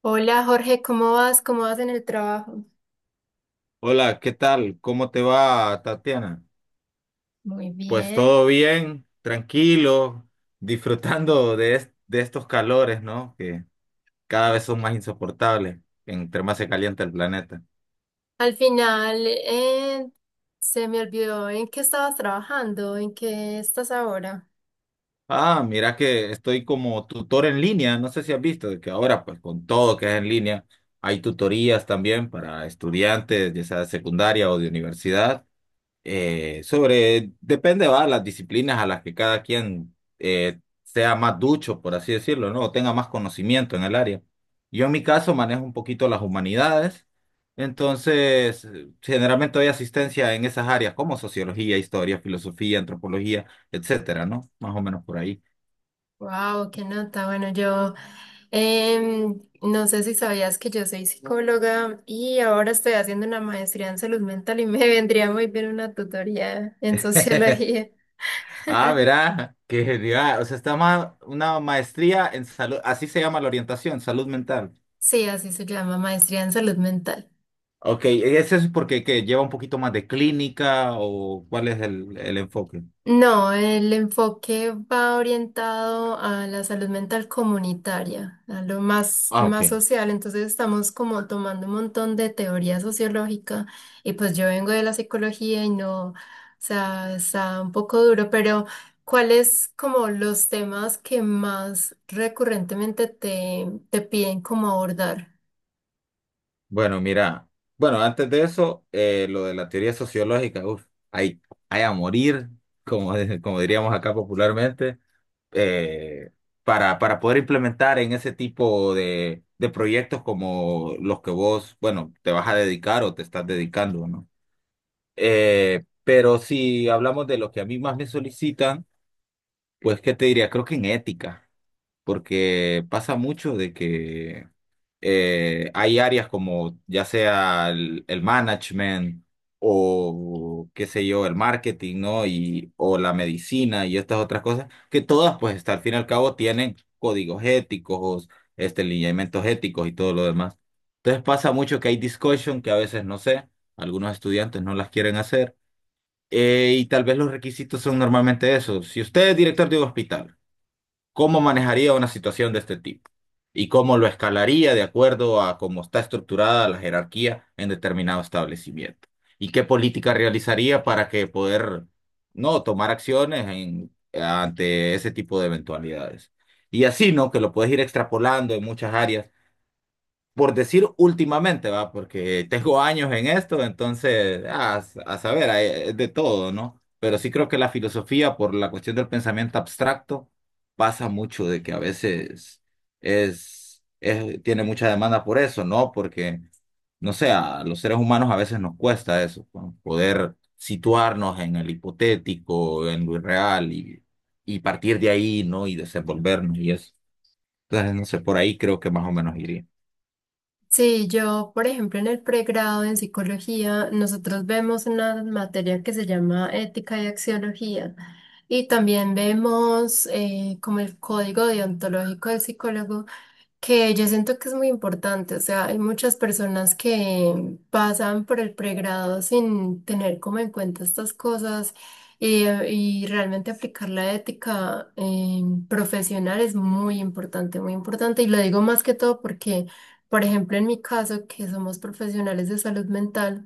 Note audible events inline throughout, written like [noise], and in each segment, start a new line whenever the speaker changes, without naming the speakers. Hola Jorge, ¿cómo vas? ¿Cómo vas en el trabajo?
Hola, ¿qué tal? ¿Cómo te va, Tatiana?
Muy
Pues
bien.
todo bien, tranquilo, disfrutando de, de estos calores, ¿no? Que cada vez son más insoportables entre más se calienta el planeta.
Al final, se me olvidó en qué estabas trabajando, en qué estás ahora.
Ah, mira que estoy como tutor en línea, no sé si has visto de que ahora, pues con todo que es en línea, hay tutorías también para estudiantes, ya sea de secundaria o de universidad. Sobre, depende, va, las disciplinas a las que cada quien sea más ducho, por así decirlo, ¿no? O tenga más conocimiento en el área. Yo en mi caso manejo un poquito las humanidades, entonces generalmente doy asistencia en esas áreas como sociología, historia, filosofía, antropología, etcétera, ¿no? Más o menos por ahí.
Wow, qué nota. Bueno, yo no sé si sabías que yo soy psicóloga y ahora estoy haciendo una maestría en salud mental y me [laughs] vendría muy bien una tutoría en
[laughs]
sociología.
Ah, verá, qué genial. O sea, está más una maestría en salud, así se llama la orientación, salud mental.
Sí, así se llama, maestría en salud mental.
Ok, ¿ese es eso porque que lleva un poquito más de clínica o cuál es el enfoque?
No, el enfoque va orientado a la salud mental comunitaria, a lo más,
Ah, ok.
más social. Entonces estamos como tomando un montón de teoría sociológica y pues yo vengo de la psicología y no, o sea, está un poco duro, pero ¿cuáles como los temas que más recurrentemente te piden como abordar?
Bueno, mira, bueno, antes de eso, lo de la teoría sociológica, uf, hay, hay a morir, como, como diríamos acá popularmente, eh, para poder implementar en ese tipo de proyectos como los que vos, bueno, te vas a dedicar o te estás dedicando, ¿no? Pero si hablamos de lo que a mí más me solicitan, pues, ¿qué te diría? Creo que en ética. Porque pasa mucho de que hay áreas como ya sea el management o qué sé yo, el marketing, ¿no? Y, o la medicina y estas otras cosas, que todas pues hasta al fin y al cabo tienen códigos éticos, este, lineamientos éticos y todo lo demás. Entonces pasa mucho que hay discussion que a veces no sé, algunos estudiantes no las quieren hacer. Y tal vez los requisitos son normalmente esos. Si usted es director de un hospital, ¿cómo manejaría una situación de este tipo? ¿Y cómo lo escalaría de acuerdo a cómo está estructurada la jerarquía en determinado establecimiento? ¿Y qué política realizaría para que poder no tomar acciones ante ese tipo de eventualidades? Y así, ¿no? Que lo puedes ir extrapolando en muchas áreas por decir últimamente, va, porque tengo años en esto, entonces, ah, a, saber, es de todo, ¿no? Pero sí creo que la filosofía, por la cuestión del pensamiento abstracto, pasa mucho de que a veces tiene mucha demanda por eso, ¿no? Porque, no sé, a los seres humanos a veces nos cuesta eso, ¿no? Poder situarnos en el hipotético, en lo irreal y partir de ahí, ¿no? Y desenvolvernos y eso. Entonces, no sé, por ahí creo que más o menos iría.
Sí, yo, por ejemplo, en el pregrado en psicología, nosotros vemos una materia que se llama ética y axiología. Y también vemos como el código deontológico del psicólogo que yo siento que es muy importante, o sea, hay muchas personas que pasan por el pregrado sin tener como en cuenta estas cosas y realmente aplicar la ética profesional es muy importante y lo digo más que todo porque, por ejemplo, en mi caso, que somos profesionales de salud mental.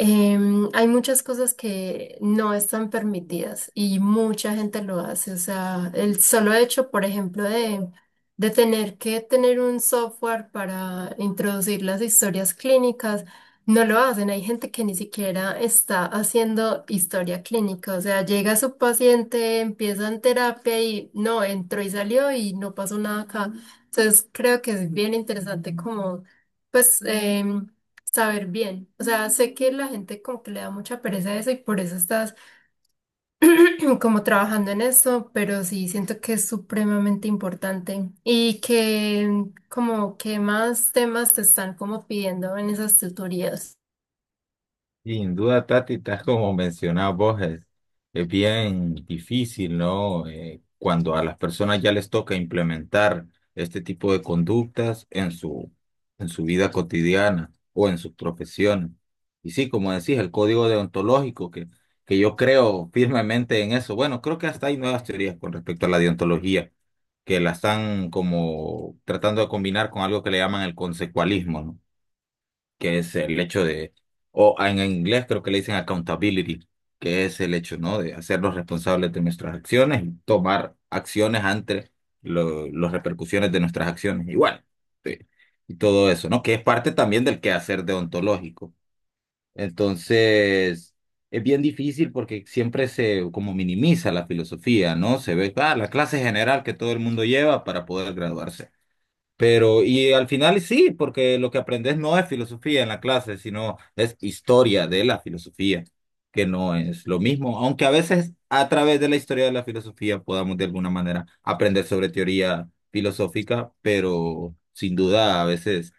Hay muchas cosas que no están permitidas y mucha gente lo hace. O sea, el solo hecho, por ejemplo, de tener que tener un software para introducir las historias clínicas, no lo hacen. Hay gente que ni siquiera está haciendo historia clínica. O sea, llega su paciente, empieza en terapia y no, entró y salió y no pasó nada acá. Entonces, creo que es bien interesante como, pues... em, saber bien. O sea, sé que la gente como que le da mucha pereza a eso y por eso estás [clears throat] como trabajando en eso, pero sí siento que es supremamente importante y que como que más temas te están como pidiendo en esas tutorías.
Sin duda, Tati, tal como mencionabas vos, es bien difícil, ¿no? Cuando a las personas ya les toca implementar este tipo de conductas en su vida cotidiana o en sus profesiones. Y sí, como decís, el código deontológico, que yo creo firmemente en eso. Bueno, creo que hasta hay nuevas teorías con respecto a la deontología, que la están como tratando de combinar con algo que le llaman el consecualismo, ¿no? Que es el hecho de, o en inglés creo que le dicen accountability, que es el hecho, ¿no? De hacernos responsables de nuestras acciones y tomar acciones ante las repercusiones de nuestras acciones. Igual, sí, y todo eso, ¿no? Que es parte también del quehacer deontológico. Entonces, es bien difícil porque siempre se como minimiza la filosofía, ¿no? Se ve, ah, la clase general que todo el mundo lleva para poder graduarse. Pero, y al final sí, porque lo que aprendes no es filosofía en la clase, sino es historia de la filosofía, que no es lo mismo, aunque a veces a través de la historia de la filosofía podamos de alguna manera aprender sobre teoría filosófica, pero sin duda a veces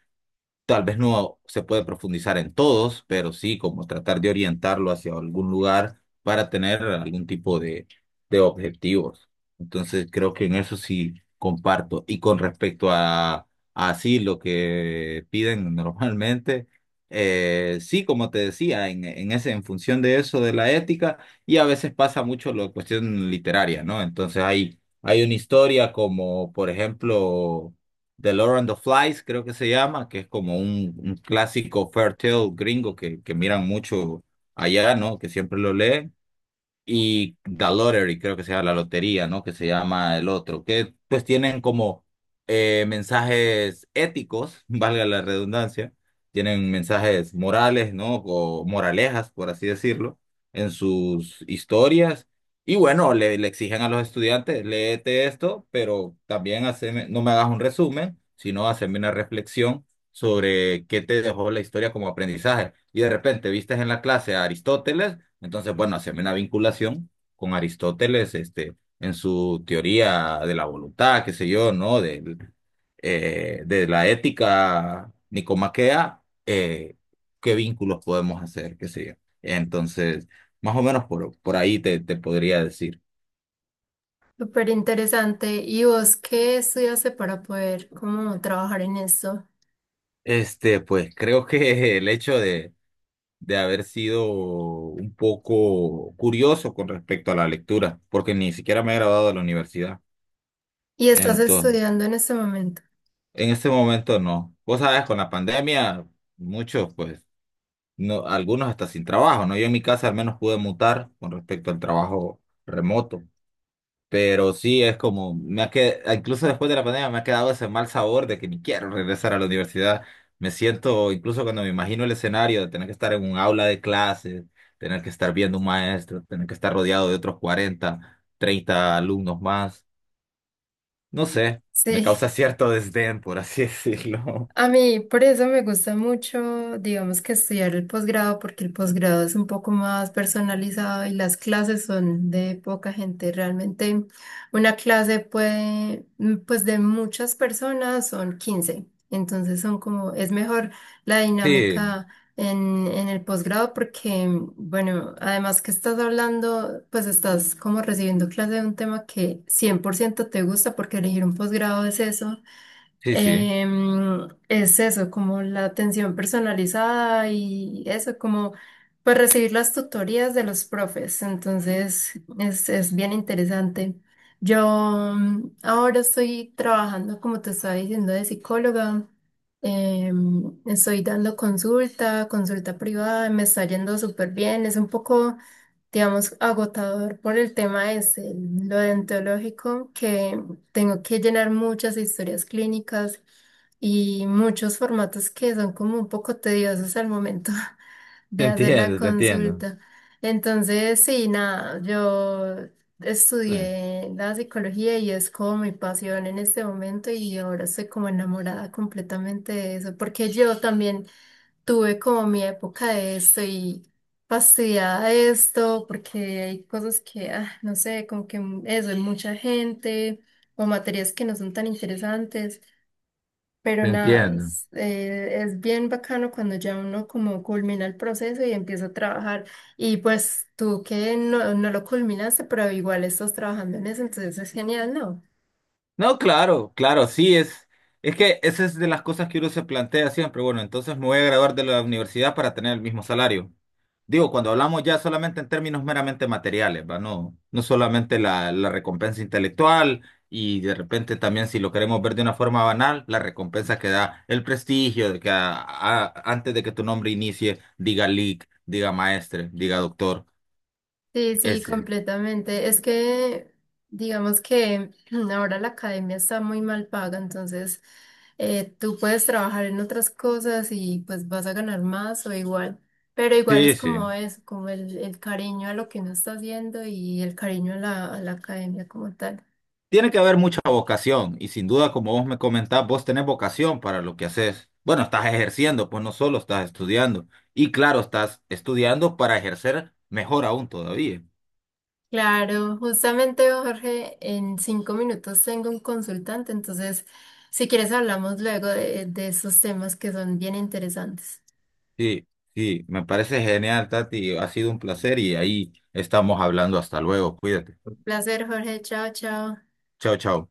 tal vez no se puede profundizar en todos, pero sí como tratar de orientarlo hacia algún lugar para tener algún tipo de objetivos. Entonces creo que en eso sí comparto. Y con respecto a así lo que piden normalmente, sí, como te decía, en ese, en función de eso, de la ética, y a veces pasa mucho la cuestión literaria, ¿no? Entonces hay una historia como, por ejemplo The Lord and the Flies, creo que se llama, que es como un clásico Fairtale gringo que miran mucho allá, ¿no? Que siempre lo leen y The Lottery, creo que se llama la lotería, ¿no? Que se llama el otro, que pues tienen como mensajes éticos, [laughs] valga la redundancia, tienen mensajes morales, ¿no? O moralejas, por así decirlo, en sus historias. Y bueno, le exigen a los estudiantes, léete esto, pero también haceme, no me hagas un resumen, sino haceme una reflexión sobre qué te dejó la historia como aprendizaje. Y de repente vistes en la clase a Aristóteles entonces, bueno, se ve una vinculación con Aristóteles, este, en su teoría de la voluntad, qué sé yo, ¿no? Del, de la ética nicomaquea, qué vínculos podemos hacer, qué sé yo. Entonces, más o menos por ahí te podría decir.
Súper interesante. ¿Y vos qué estudiaste para poder como trabajar en eso?
Este, pues creo que el hecho de haber sido un poco curioso con respecto a la lectura, porque ni siquiera me he graduado de la universidad.
¿Y estás
Entonces
estudiando en este momento?
en este momento no. Vos sabes, con la pandemia, muchos, pues, no, algunos hasta sin trabajo, ¿no? Yo en mi casa al menos pude mutar con respecto al trabajo remoto. Pero sí es como, me ha quedado, incluso después de la pandemia me ha quedado ese mal sabor de que ni quiero regresar a la universidad. Me siento, incluso cuando me imagino el escenario de tener que estar en un aula de clases, tener que estar viendo un maestro, tener que estar rodeado de otros 40, 30 alumnos más. No sé, me causa
Sí.
cierto desdén, por así decirlo.
A mí, por eso me gusta mucho, digamos que estudiar el posgrado, porque el posgrado es un poco más personalizado y las clases son de poca gente. Realmente una clase puede, pues de muchas personas son 15. Entonces son como, es mejor la
[laughs] Sí,
dinámica en el posgrado porque, bueno, además que estás hablando, pues estás como recibiendo clase de un tema que 100% te gusta porque elegir un posgrado es eso,
sí, sí,
es eso, como la atención personalizada y eso, como pues recibir las tutorías de los profes. Entonces, es bien interesante. Yo ahora estoy trabajando, como te estaba diciendo, de psicóloga. Estoy dando consulta, consulta privada, me está yendo súper bien. Es un poco, digamos, agotador por el tema es lo dentológico, que tengo que llenar muchas historias clínicas y muchos formatos que son como un poco tediosos al momento [laughs] de hacer la
te entiendo,
consulta. Entonces, sí, nada, yo
eh,
estudié la psicología y es como mi pasión en este momento y ahora estoy como enamorada completamente de eso, porque yo también tuve como mi época de esto y fastidiada de esto porque hay cosas que, no sé, como que eso, hay mucha gente o materias que no son tan interesantes, pero
te
nada,
entiendo.
es bien bacano cuando ya uno como culmina el proceso y empieza a trabajar y pues tú que no lo culminaste, pero igual estás trabajando en eso, entonces es genial, ¿no?
No, claro, claro, sí, es que esa es de las cosas que uno se plantea siempre. Bueno, entonces me voy a graduar de la universidad para tener el mismo salario. Digo, cuando hablamos ya solamente en términos meramente materiales, ¿va? No, no solamente la recompensa intelectual y de repente también si lo queremos ver de una forma banal, la recompensa que da el prestigio de que antes de que tu nombre inicie, diga Lic, diga maestre, diga doctor,
Sí, sí,
ese.
completamente. Es que, digamos que [clears throat] ahora la academia está muy mal paga, entonces tú puedes trabajar en otras cosas y pues vas a ganar más o igual, pero igual es
Sí, sí.
como eso, como el cariño a lo que uno está haciendo y el cariño a la, academia como tal.
Tiene que haber mucha vocación y sin duda, como vos me comentás, vos tenés vocación para lo que haces. Bueno, estás ejerciendo, pues no solo estás estudiando. Y claro, estás estudiando para ejercer mejor aún todavía.
Claro, justamente Jorge, en 5 minutos tengo un consultante, entonces si quieres hablamos luego de, esos temas que son bien interesantes.
Sí, sí, me parece genial, Tati. Ha sido un placer y ahí estamos hablando. Hasta luego, cuídate.
Placer, Jorge, chao, chao.
Chao, chao.